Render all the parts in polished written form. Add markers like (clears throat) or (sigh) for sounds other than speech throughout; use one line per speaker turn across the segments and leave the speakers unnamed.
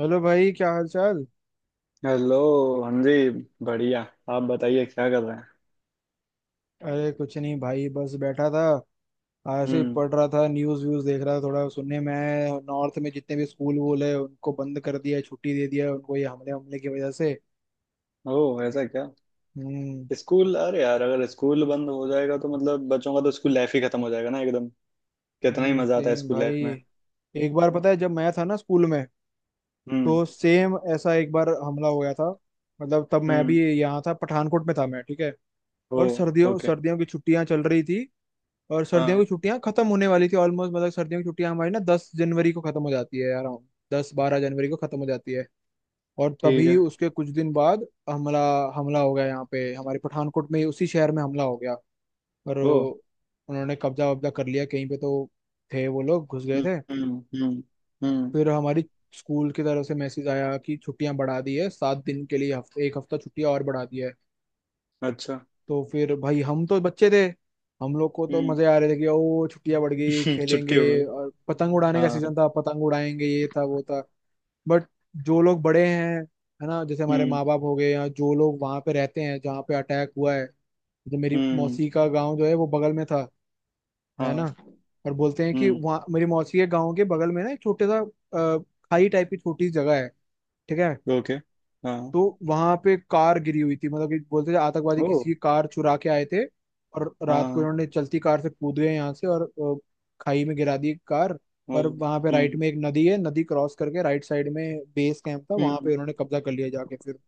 Hello भाई, क्या हाल चाल।
हेलो। हाँ जी। बढ़िया। आप बताइए क्या कर रहे हैं।
अरे कुछ नहीं भाई, बस बैठा था। ऐसे ही
हम्म।
पढ़ रहा था, न्यूज़ व्यूज़ देख रहा था। थोड़ा सुनने में आया है, नॉर्थ में जितने भी स्कूल वूल है उनको बंद कर दिया है, छुट्टी दे दिया है उनको, ये हमले हमले की वजह से।
ओह ऐसा क्या।
हम्म।
स्कूल, अरे यार अगर स्कूल बंद हो जाएगा तो मतलब बच्चों का तो स्कूल लाइफ ही खत्म हो जाएगा ना एकदम। कितना ही
हम्म।
मजा आता है
सेम
स्कूल
भाई।
लाइफ में।
एक बार पता है, जब मैं था ना स्कूल में,
हम्म
तो सेम ऐसा एक बार हमला हो गया था। मतलब तब मैं भी
हम्म।
यहाँ था, पठानकोट में था मैं, ठीक है। और
ओह
सर्दियों
ओके।
सर्दियों की छुट्टियां चल रही थी। और सर्दियों
हाँ।
की छुट्टियां खत्म होने वाली थी ऑलमोस्ट। मतलब सर्दियों की छुट्टियां हमारी ना 10 जनवरी को खत्म हो जाती है अराउंड। 10-12 जनवरी को खत्म हो जाती है। और
ठीक
तभी
है।
उसके कुछ दिन बाद हमला हमला हो गया यहाँ पे हमारे पठानकोट में, उसी शहर में हमला हो गया। और
ओह।
उन्होंने कब्जा वब्जा कर लिया कहीं पे। तो थे वो लोग, घुस गए
हम्म
थे।
हम्म हम्म हम्म,
फिर हमारी स्कूल की तरफ से मैसेज आया कि छुट्टियां बढ़ा दी है 7 दिन के लिए, हफ्ते, एक हफ्ता छुट्टियां और बढ़ा दी है।
अच्छा।
तो फिर भाई, हम तो बच्चे थे। हम लोग को तो
हम्म।
मजे आ रहे थे कि ओ, छुट्टियां बढ़ गई,
(laughs) छुट्टी
खेलेंगे।
हो गई।
और पतंग उड़ाने का
हाँ।
सीजन था, पतंग उड़ाएंगे, ये था वो था। बट जो लोग बड़े हैं, है ना, जैसे हमारे
हम्म
माँ बाप हो गए, या जो लोग वहां पे रहते हैं जहाँ पे अटैक हुआ है। जो मेरी
हम्म।
मौसी का गाँव जो है, वो बगल में था, है
हाँ।
ना। और बोलते हैं कि
हम्म।
वहाँ मेरी मौसी के गाँव के बगल में ना एक छोटे सा, अ, खाई टाइप की छोटी सी जगह है, ठीक है।
ओके। हाँ।
तो वहां पे कार गिरी हुई थी, मतलब कि बोलते थे आतंकवादी
ओह।
किसी की कार चुरा के आए थे। और रात को
हाँ।
इन्होंने चलती कार से कूद गए यहाँ से, और अ, खाई में गिरा दी कार।
ओह।
और वहां पे राइट
हम्म
में एक नदी है, नदी क्रॉस करके राइट साइड में बेस कैंप था, वहां पे
हम्म।
उन्होंने कब्जा कर लिया जाके। फिर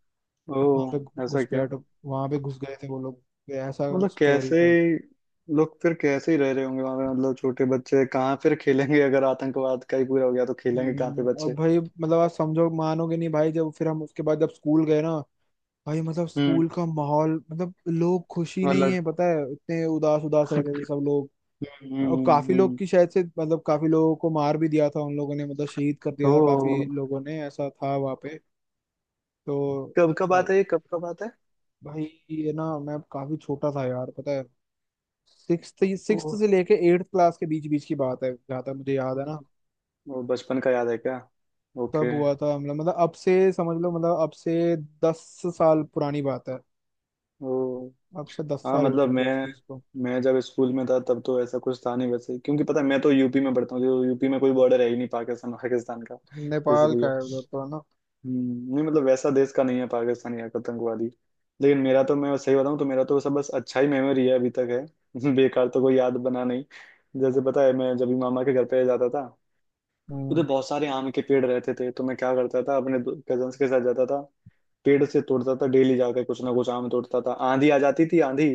वहां
ओह
पे
ऐसा क्या।
घुसपैठ, वहां पे घुस गए थे वो लोग। ये ऐसा
मतलब
स्टोरी
कैसे।
था।
लोग फिर कैसे ही रह रहे होंगे वहां पे, मतलब छोटे बच्चे कहाँ फिर खेलेंगे अगर आतंकवाद का ही पूरा हो गया तो खेलेंगे कहाँ पे
और
बच्चे।
भाई, मतलब आप समझो, मानोगे नहीं भाई। जब फिर हम, उसके बाद जब स्कूल गए ना, भाई मतलब
हम्म।
स्कूल का माहौल, मतलब लोग खुशी नहीं
मतलब।
है पता है, इतने उदास उदास रहते थे
हम्म
सब लोग। और काफी लोग
हम्म।
की शायद से, मतलब काफी लोगों को मार भी दिया था उन लोगों ने, मतलब शहीद कर दिया
ओ,
था काफी लोगों ने, ऐसा था वहां पे। तो
कब का
भाई,
बात है ये, कब का बात है।
भाई, ये ना मैं काफी छोटा था यार पता है। सिक्स
ओ,
सिक्स से लेके एट्थ क्लास के बीच बीच की बात है, जहाँ तक मुझे याद है ना।
वो बचपन का याद है क्या।
तब
ओके।
हुआ था हमला, मतलब अब से समझ लो, मतलब अब से 10 साल पुरानी बात है।
ओ।
अब से दस
हाँ
साल हो
मतलब
चुके हैं उस
मैं
चीज को।
मैं जब स्कूल में था तब तो ऐसा कुछ था नहीं वैसे, क्योंकि पता है मैं तो यूपी में पढ़ता हूँ, जो यूपी में कोई बॉर्डर है ही नहीं पाकिस्तान पाकिस्तान का
नेपाल का
इसलिए।
है उधर तो, है ना।
नहीं मतलब वैसा देश का नहीं है पाकिस्तान या आतंकवादी। लेकिन मेरा तो, मैं सही बताऊं तो मेरा तो सब बस अच्छा ही मेमोरी है अभी तक है (laughs) बेकार तो कोई याद बना नहीं। जैसे पता है मैं जब भी मामा के घर पे जाता था, उधर
हम्म।
बहुत सारे आम के पेड़ रहते थे, तो मैं क्या करता था अपने कजन्स के साथ जाता था, पेड़ से तोड़ता था, डेली जाकर कुछ ना कुछ आम तोड़ता था। आंधी आ जाती थी, आंधी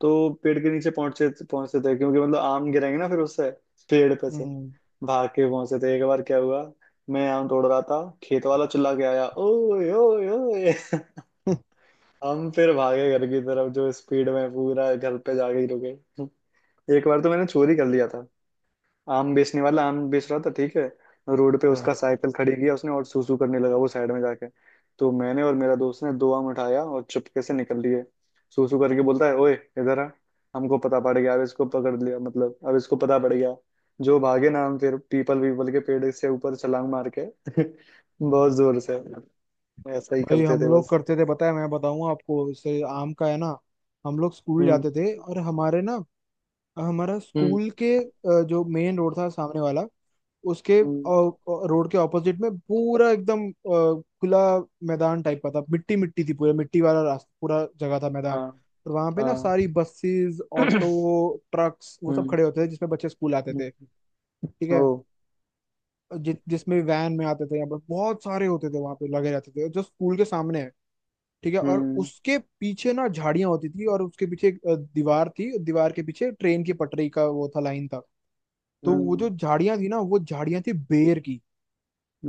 तो पेड़ के नीचे पहुंचते पहुंचते थे क्योंकि मतलब आम गिरेंगे ना फिर उससे, पेड़ पे से
हम्म।
भाग के पहुंचे थे। एक बार क्या हुआ, मैं आम तोड़ रहा था, खेत वाला चिल्ला के आया, ओए ओए ओए (laughs)
(laughs)
हम फिर भागे घर की तरफ, जो स्पीड में पूरा घर पे जाके ही रुके। एक बार तो मैंने चोरी कर लिया था, आम बेचने वाला आम बेच रहा था ठीक है, रोड पे उसका साइकिल खड़ी किया उसने और सूसू करने लगा वो साइड में जाके, तो मैंने और मेरा दोस्त ने दो आम उठाया और चुपके से निकल लिए। सूसू करके बोलता है, ओए, इधर आ। हमको पता पड़ गया, अब इसको पकड़ लिया, मतलब अब इसको पता पड़ गया। जो भागे ना हम, फिर पीपल पीपल के पेड़ से ऊपर छलांग मार के (laughs) बहुत
अच्छा।
जोर से। ऐसा ही
भाई
करते
हम
थे
लोग
बस।
करते थे, पता है, मैं बताऊं आपको, इससे आम का है ना। हम लोग स्कूल
हम्म
जाते थे, और हमारे ना, हमारा
हम्म
स्कूल के जो मेन रोड था सामने वाला, उसके
हम्म।
रोड के ऑपोजिट में पूरा एकदम खुला मैदान टाइप का था। मिट्टी मिट्टी थी पूरा, मिट्टी वाला रास्ता, पूरा जगह था मैदान।
हाँ
और वहां पे ना
हाँ।
सारी बसेस, ऑटो,
(clears throat)
ट्रक्स वो सब
हम्म
खड़े होते थे जिसमें बच्चे स्कूल आते
हम्म,
थे, ठीक
ओ।
है। जिसमें वैन में आते थे यहाँ पर बहुत सारे होते थे, वहां पे लगे रहते थे जो स्कूल के सामने है, ठीक है। और
हम्म
उसके पीछे ना झाड़ियां होती थी, और उसके पीछे एक दीवार थी, दीवार के पीछे ट्रेन की पटरी का वो था, लाइन था। तो वो जो
हम्म।
झाड़ियां थी ना, वो झाड़ियां थी बेर की।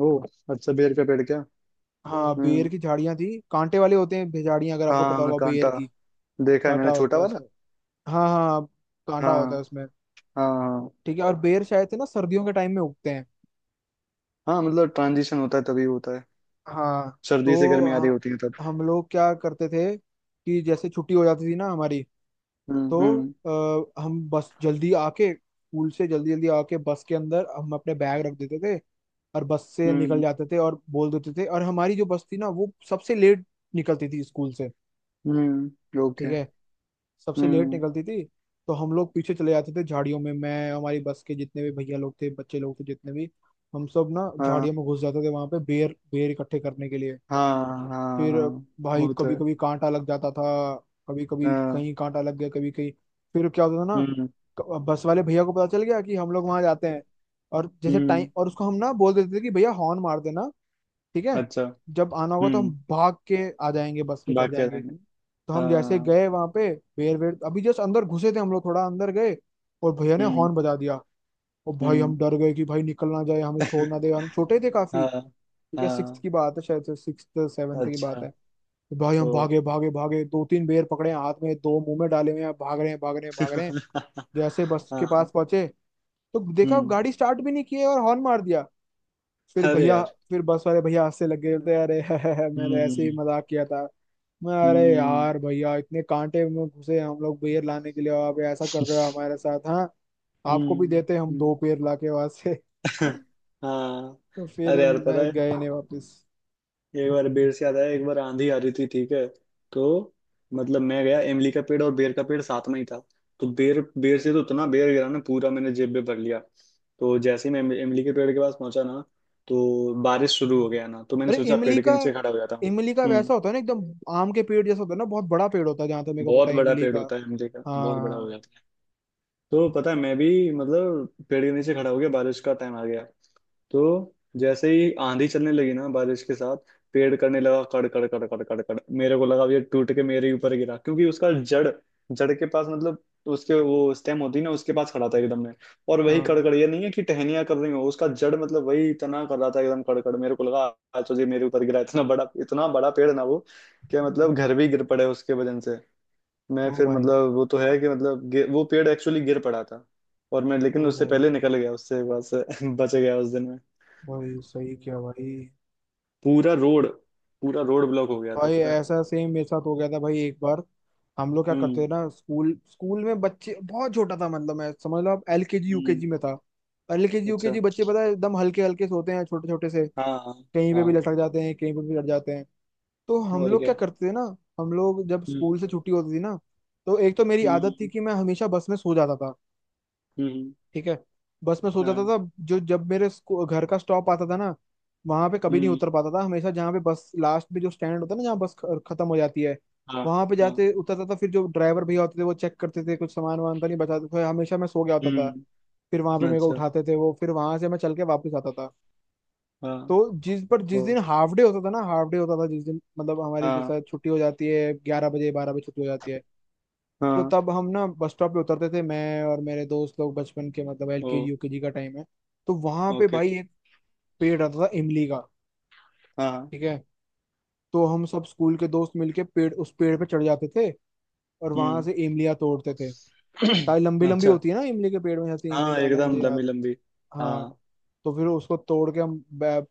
ओ, अच्छा बेर का पेड़ क्या।
हाँ, बेर
हम्म।
की झाड़ियां थी, कांटे वाले होते हैं झाड़ियां, अगर आपको पता
हाँ
होगा बेर
कांटा,
की।
देखा है
कांटा
मैंने छोटा
होता है
वाला।
उसमें। हाँ हाँ हाँ, कांटा होता है
हाँ
उसमें,
हाँ हाँ।
ठीक है। और बेर शायद से ना सर्दियों के टाइम में उगते हैं।
हाँ मतलब ट्रांजिशन होता है तभी होता है,
हाँ,
सर्दी से गर्मी आ रही
तो
होती है तब।
हम लोग क्या करते थे कि जैसे छुट्टी हो जाती थी ना हमारी। तो
हम्म।
हम बस जल्दी आके स्कूल से, जल्दी जल्दी आके बस के अंदर हम अपने बैग रख देते थे। और बस से निकल
हम्म
जाते थे और बोल देते थे। और हमारी जो बस थी ना, वो सबसे लेट निकलती थी स्कूल से,
ओके।
ठीक है। सबसे लेट
हम्म।
निकलती थी। तो हम लोग पीछे चले जाते थे झाड़ियों में, मैं, हमारी बस के जितने भी भैया लोग थे, बच्चे लोग थे जितने भी, हम सब ना
हाँ।
झाड़ियों में घुस जाते थे वहां पे, बेर बेर इकट्ठे करने के लिए।
हाँ हाँ
फिर
हाँ,
भाई,
वो तो
कभी
है।
कभी कांटा लग जाता था। कभी कभी
हाँ।
कहीं कांटा लग गया, कभी कहीं। फिर क्या होता था ना,
हम्म
बस वाले भैया को पता चल गया कि हम लोग वहां जाते हैं। और जैसे टाइम,
हम्म,
और उसको हम ना बोल देते थे कि भैया हॉर्न मार देना, ठीक है।
अच्छा।
जब आना होगा तो हम
हम्म।
भाग के आ जाएंगे, बस में चढ़
बाकी
जाएंगे।
रहेंगे।
तो हम जैसे
हाँ।
गए वहां पे, बेर वेर, अभी जस्ट अंदर घुसे थे हम लोग, थोड़ा अंदर गए, और भैया ने
हम्म
हॉर्न बजा दिया। और भाई
हम्म
हम डर गए कि भाई निकल ना जाए, हमें छोड़ ना
(laughs)
दे, हम छोटे थे काफी,
हाँ।
ठीक है। सिक्स
हाँ।
की बात है शायद से, 6 7वीं की
अच्छा।
बात है। तो भाई,
ओ
हम भागे भागे भागे, दो तीन बेर पकड़े हैं हाथ में, दो मुंह में डाले हुए हैं, भाग रहे हैं भाग रहे हैं भाग
(laughs)
रहे हैं। जैसे बस के
हाँ।
पास पहुंचे, तो देखा
हम्म।
गाड़ी स्टार्ट भी नहीं की है और हॉर्न मार दिया। फिर
अरे
भैया,
यार।
फिर बस वाले भैया हंसने लग गए, बोलते अरे, (laughs) मैं तो ऐसे ही
हम्म
मजाक किया था। मैं, अरे
हम्म
यार भैया, इतने कांटे में घुसे हम लोग बेर लाने के लिए और आप ऐसा कर रहे हो हमारे साथ, हाँ। आपको भी
हम्म
देते हम
हम्म।
दो पेड़ लाके वहां से। (laughs)
(laughs) हाँ।
तो
अरे
फिर
यार
मैं
पता है,
गए नहीं वापस।
एक बार बेर से याद आया, एक बार आंधी आ रही थी ठीक है, तो मतलब मैं गया, इमली का पेड़ और बेर का पेड़ साथ में ही था। तो बेर बेर से तो उतना बेर गिरा ना, पूरा मैंने जेब में भर लिया। तो जैसे ही मैं इमली के पेड़ के पास पहुंचा ना, तो बारिश शुरू
हम्म।
हो गया ना, तो मैंने
अरे
सोचा
इमली
पेड़ के
का,
नीचे खड़ा हो जाता हूँ।
इमली का
हम्म।
वैसा होता है ना एकदम आम के पेड़ जैसा, होता है ना, बहुत बड़ा पेड़ होता है, जहां तक मेरे को पता
बहुत
है,
बड़ा
इमली
पेड़
का।
होता है इमली का, बहुत बड़ा हो
हाँ
जाता है। तो पता है मैं भी, मतलब पेड़ के नीचे खड़ा हो गया, बारिश का टाइम आ गया। तो जैसे ही आंधी चलने लगी ना बारिश के साथ, पेड़ करने लगा कड़ कड़ कड़ कड़ कड़ कड़। मेरे को लगा अब ये टूट के मेरे ऊपर गिरा, क्योंकि उसका जड़, जड़ के पास मतलब, उसके वो स्टेम होती है ना उसके पास खड़ा था एकदम में। और वही
हाँ,
कड़कड़, ये नहीं है कि टहनियां कर रही हो, उसका जड़ मतलब वही तना कर रहा था एकदम कड़कड़। मेरे को लगा आज तो ये मेरे ऊपर गिरा, इतना बड़ा पेड़ ना वो, कि मतलब
हम्म,
घर भी गिर पड़े उसके वजन से। मैं
ओ
फिर
भाई,
मतलब, वो तो है कि मतलब वो पेड़ एक्चुअली गिर पड़ा था, और मैं लेकिन
ओ
उससे
भाई,
पहले निकल गया उससे, बस (laughs) बच गया उस दिन में।
भाई सही क्या भाई।
पूरा रोड, पूरा रोड ब्लॉक हो गया था
भाई
पता है।
ऐसा सेम मेरे साथ हो गया था भाई, एक बार। हम लोग क्या करते थे
हम्म
ना स्कूल, स्कूल में बच्चे, बहुत छोटा था, मतलब मैं, समझ लो आप, एलकेजी
हम्म।
यूकेजी में था। एलकेजी
अच्छा।
यूकेजी बच्चे पता है एकदम हल्के हल्के से होते हैं, छोटे छोटे से।
हाँ हाँ
कहीं पे भी
हाँ,
लटक जाते हैं, कहीं पे भी लट जाते हैं। तो हम
और
लोग क्या
क्या।
करते थे ना, हम लोग जब
हम्म
स्कूल से छुट्टी होती थी ना, तो एक तो मेरी आदत थी
हम्म
कि मैं हमेशा बस में सो जाता था,
हम्म।
ठीक है। बस में सो जाता
हाँ।
था। जो, जब मेरे घर का स्टॉप आता था ना, वहां पे कभी नहीं
हम्म।
उतर पाता था, हमेशा जहाँ पे बस लास्ट में जो स्टैंड होता है ना, जहाँ बस खत्म हो जाती है,
हाँ
वहां पे
हाँ।
जाते उतरता था। फिर जो ड्राइवर भैया होते थे वो चेक करते थे कुछ सामान वामान तो नहीं बचाते थे, हमेशा मैं सो गया होता था।
हम्म।
फिर वहां पे मेरे को
अच्छा।
उठाते थे वो, फिर वहां से मैं चल के वापस आता था।
हाँ।
तो जिस पर जिस
ओ।
दिन हाफ डे होता था ना, हाफ डे होता था जिस दिन, मतलब हमारी
हाँ
जैसा छुट्टी हो जाती है 11 बजे, 12 बजे छुट्टी हो जाती है। तो
हाँ।
तब हम ना बस स्टॉप पे उतरते थे, मैं और मेरे दोस्त लोग, बचपन के, मतलब L
O.
K G U K G का टाइम है। तो वहां पे
ओके।
भाई एक पेड़ रहता था इमली का,
हाँ।
ठीक है। तो हम सब स्कूल के दोस्त मिलके पेड़, उस पेड़ पे चढ़ जाते थे, और वहां
हम्म।
से इमलियाँ तोड़ते थे।
(clears throat)
ताकि लंबी लंबी
अच्छा।
होती है ना इमली के पेड़ में, जैसे इमली
हाँ
ज्यादा मुझे
एकदम
याद
लंबी लंबी।
है। हाँ।
हाँ।
तो फिर उसको तोड़ के हम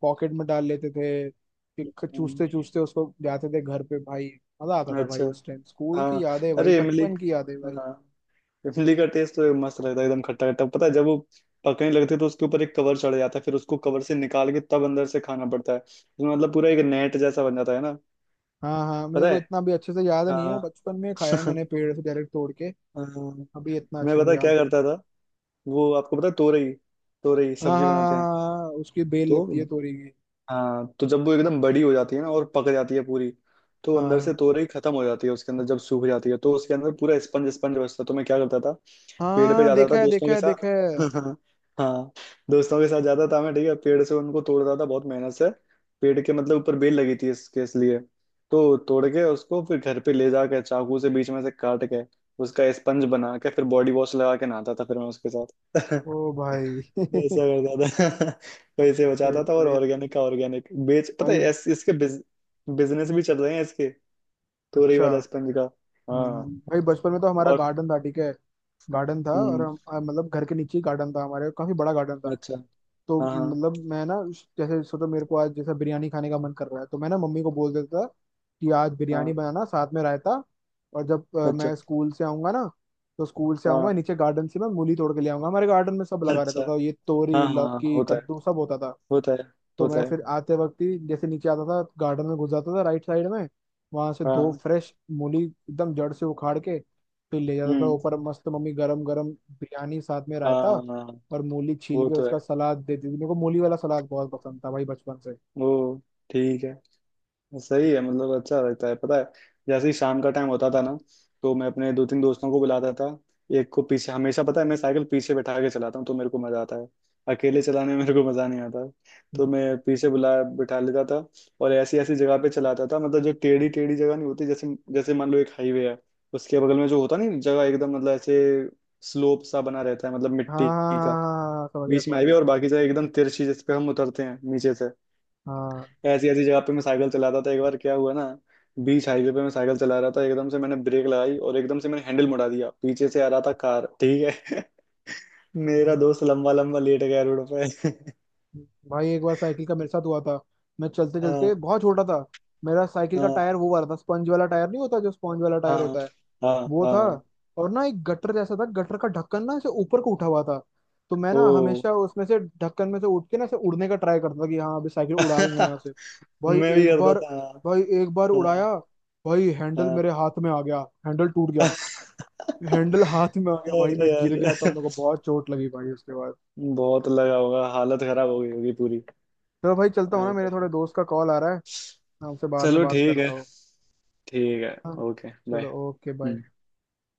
पॉकेट में डाल लेते थे। फिर
हम्म,
चूसते चूसते उसको जाते थे घर पे भाई। मजा आता था
अच्छा।
भाई, उस टाइम, स्कूल की
हाँ।
यादें है भाई,
अरे इमली।
बचपन की यादें है भाई।
हाँ, इमली का टेस्ट तो मस्त लगता है एकदम खट्टा खट्टा। पता है जब वो पकने लगते हैं, तो उसके ऊपर एक कवर चढ़ जाता है, फिर उसको कवर से निकाल के तब अंदर से खाना पड़ता है, तो मतलब पूरा एक नेट जैसा बन जाता है ना।
हाँ हाँ, मेरे
पता
को
है।
इतना भी अच्छे से याद नहीं है,
हाँ
बचपन में खाया है मैंने
(laughs)
पेड़ से डायरेक्ट तोड़ के।
हाँ,
अभी इतना
मैं
अच्छे
पता
से
है क्या
याद नहीं।
करता था। वो आपको पता है तोरई, तोरई
हाँ हाँ
सब्जी बनाते
हाँ,
हैं।
हाँ हाँ, उसकी बेल
तो
लगती है तोरी की।
हाँ, तो जब वो एकदम बड़ी हो जाती है ना और पक जाती है पूरी, तो अंदर
हाँ
से तोरई खत्म हो जाती है उसके अंदर, जब सूख जाती है तो उसके अंदर पूरा स्पंज स्पंज बचता है। तो मैं क्या करता था, पेड़ पे
हाँ,
जाता था
देखा है
दोस्तों
देखा
के
है
साथ
देखा है।
(laughs) हाँ, दोस्तों के साथ जाता था मैं ठीक है, पेड़ से उनको तोड़ता था बहुत मेहनत से, पेड़ के मतलब ऊपर बेल लगी थी इसके इसलिए। तो तोड़ के उसको फिर घर पे ले जाके चाकू से बीच में से काट के उसका स्पंज बना के फिर बॉडी वॉश लगा के नहाता था फिर मैं उसके साथ
ओ
(laughs)
भाई, (laughs) भाई,
ऐसा करता था (laughs) पैसे बचाता था, और
भाई
ऑर्गेनिक का ऑर्गेनिक, बेच पता
भाई,
है इसके बिजनेस भी चल रहे हैं इसके, तोरई
अच्छा।
वाला स्पंज का। हाँ।
भाई बचपन में तो हमारा
और।
गार्डन था, ठीक है। गार्डन था, और
हम्म,
हम मतलब घर के नीचे ही गार्डन था हमारे, काफी बड़ा गार्डन था।
अच्छा।
तो
हाँ हाँ
मतलब मैं ना, जैसे सोचो मेरे को आज जैसा बिरयानी खाने का मन कर रहा है, तो मैं ना मम्मी को बोल देता था कि आज बिरयानी
हाँ।
बनाना, साथ में रायता। और जब
अच्छा।
मैं स्कूल से आऊंगा ना, तो स्कूल से आऊंगा,
हाँ।
नीचे गार्डन से मैं मूली तोड़ के ले आऊंगा। हमारे गार्डन में सब लगा रहता
अच्छा।
था, ये
हाँ
तोरी
हाँ हाँ,
लौकी
होता है,
कद्दू सब होता था।
होता है।
तो
होता
मैं
है।
फिर आते वक्त ही जैसे नीचे आता था, गार्डन में घुस जाता था राइट साइड में। वहां से दो
हाँ।
फ्रेश मूली एकदम जड़ से उखाड़ के फिर ले जाता था
हम्म।
ऊपर। मस्त मम्मी, गरम गरम बिरयानी साथ में
हाँ
रायता,
हाँ।
और मूली छील
वो
के
तो
उसका
है।
सलाद देती थी मेरे को। मूली वाला सलाद बहुत पसंद था भाई बचपन से।
वो ठीक है, सही है
हम्म,
मतलब, अच्छा लगता है पता है। जैसे ही शाम का टाइम होता था ना, तो मैं अपने दो तीन दोस्तों को बुलाता था, एक को पीछे हमेशा। पता है मैं साइकिल पीछे बैठा के चलाता हूँ तो मेरे को मजा आता है, अकेले चलाने में मेरे को मजा नहीं आता। तो मैं पीछे बुला बैठा लेता था, और ऐसी ऐसी जगह पे चलाता था, मतलब जो टेढ़ी टेढ़ी जगह नहीं होती जैसे जैसे मान लो एक हाईवे है, उसके बगल में जो होता नहीं, जगह एकदम मतलब ऐसे स्लोप सा बना रहता है मतलब
हाँ
मिट्टी
हाँ,
का।
हाँ हाँ, समझ गया
बीच में
समझ
हाईवे
गया।
और बाकी जगह एकदम तिरछी, जिस पे हम उतरते हैं नीचे से।
हाँ,
ऐसी ऐसी जगह पे मैं साइकिल चलाता था। एक बार क्या हुआ ना, बीच हाईवे पे मैं साइकिल चला रहा था, एकदम से मैंने ब्रेक लगाई और एकदम से मैंने हैंडल मुड़ा दिया, पीछे से आ रहा था कार ठीक है (laughs) मेरा
हम्म,
दोस्त लंबा लंबा लेट गया रोड पे (laughs)
भाई एक बार साइकिल का मेरे साथ हुआ था। मैं चलते
हाँ
चलते, बहुत छोटा था। मेरा साइकिल का
हाँ
टायर वो वाला था, स्पंज वाला टायर नहीं होता जो, स्पंज वाला टायर
हाँ
होता है,
हाँ
वो था।
हाँ।
और ना एक गटर जैसा था, गटर का ढक्कन ना ऐसे ऊपर को उठा हुआ था। तो मैं
ओ
ना हमेशा उसमें से, ढक्कन में से उठ के ना ऐसे उड़ने का ट्राई करता था कि हाँ अभी साइकिल उड़ा दूंगा यहाँ से।
(laughs)
भाई
मैं भी
एक
करता
बार,
था।
भाई एक बार
हाँ हाँ
उड़ाया। भाई हैंडल
हाँ
मेरे हाथ में आ गया, हैंडल टूट गया, हैंडल
(laughs)
हाथ में आ गया भाई। मैं
अरे
गिर गया, तब
यार,
मेरे को बहुत चोट लगी भाई उसके बाद।
बहुत लगा होगा, हालत खराब हो गई होगी पूरी।
चलो भाई, चलता हूँ ना, मेरे
अरे
थोड़े
यार।
दोस्त का कॉल आ रहा है। मैं आपसे बाद में
चलो
बात
ठीक है।
करता हूँ।
ठीक है।
हाँ,
ओके
चलो
बाय।
Okay bye.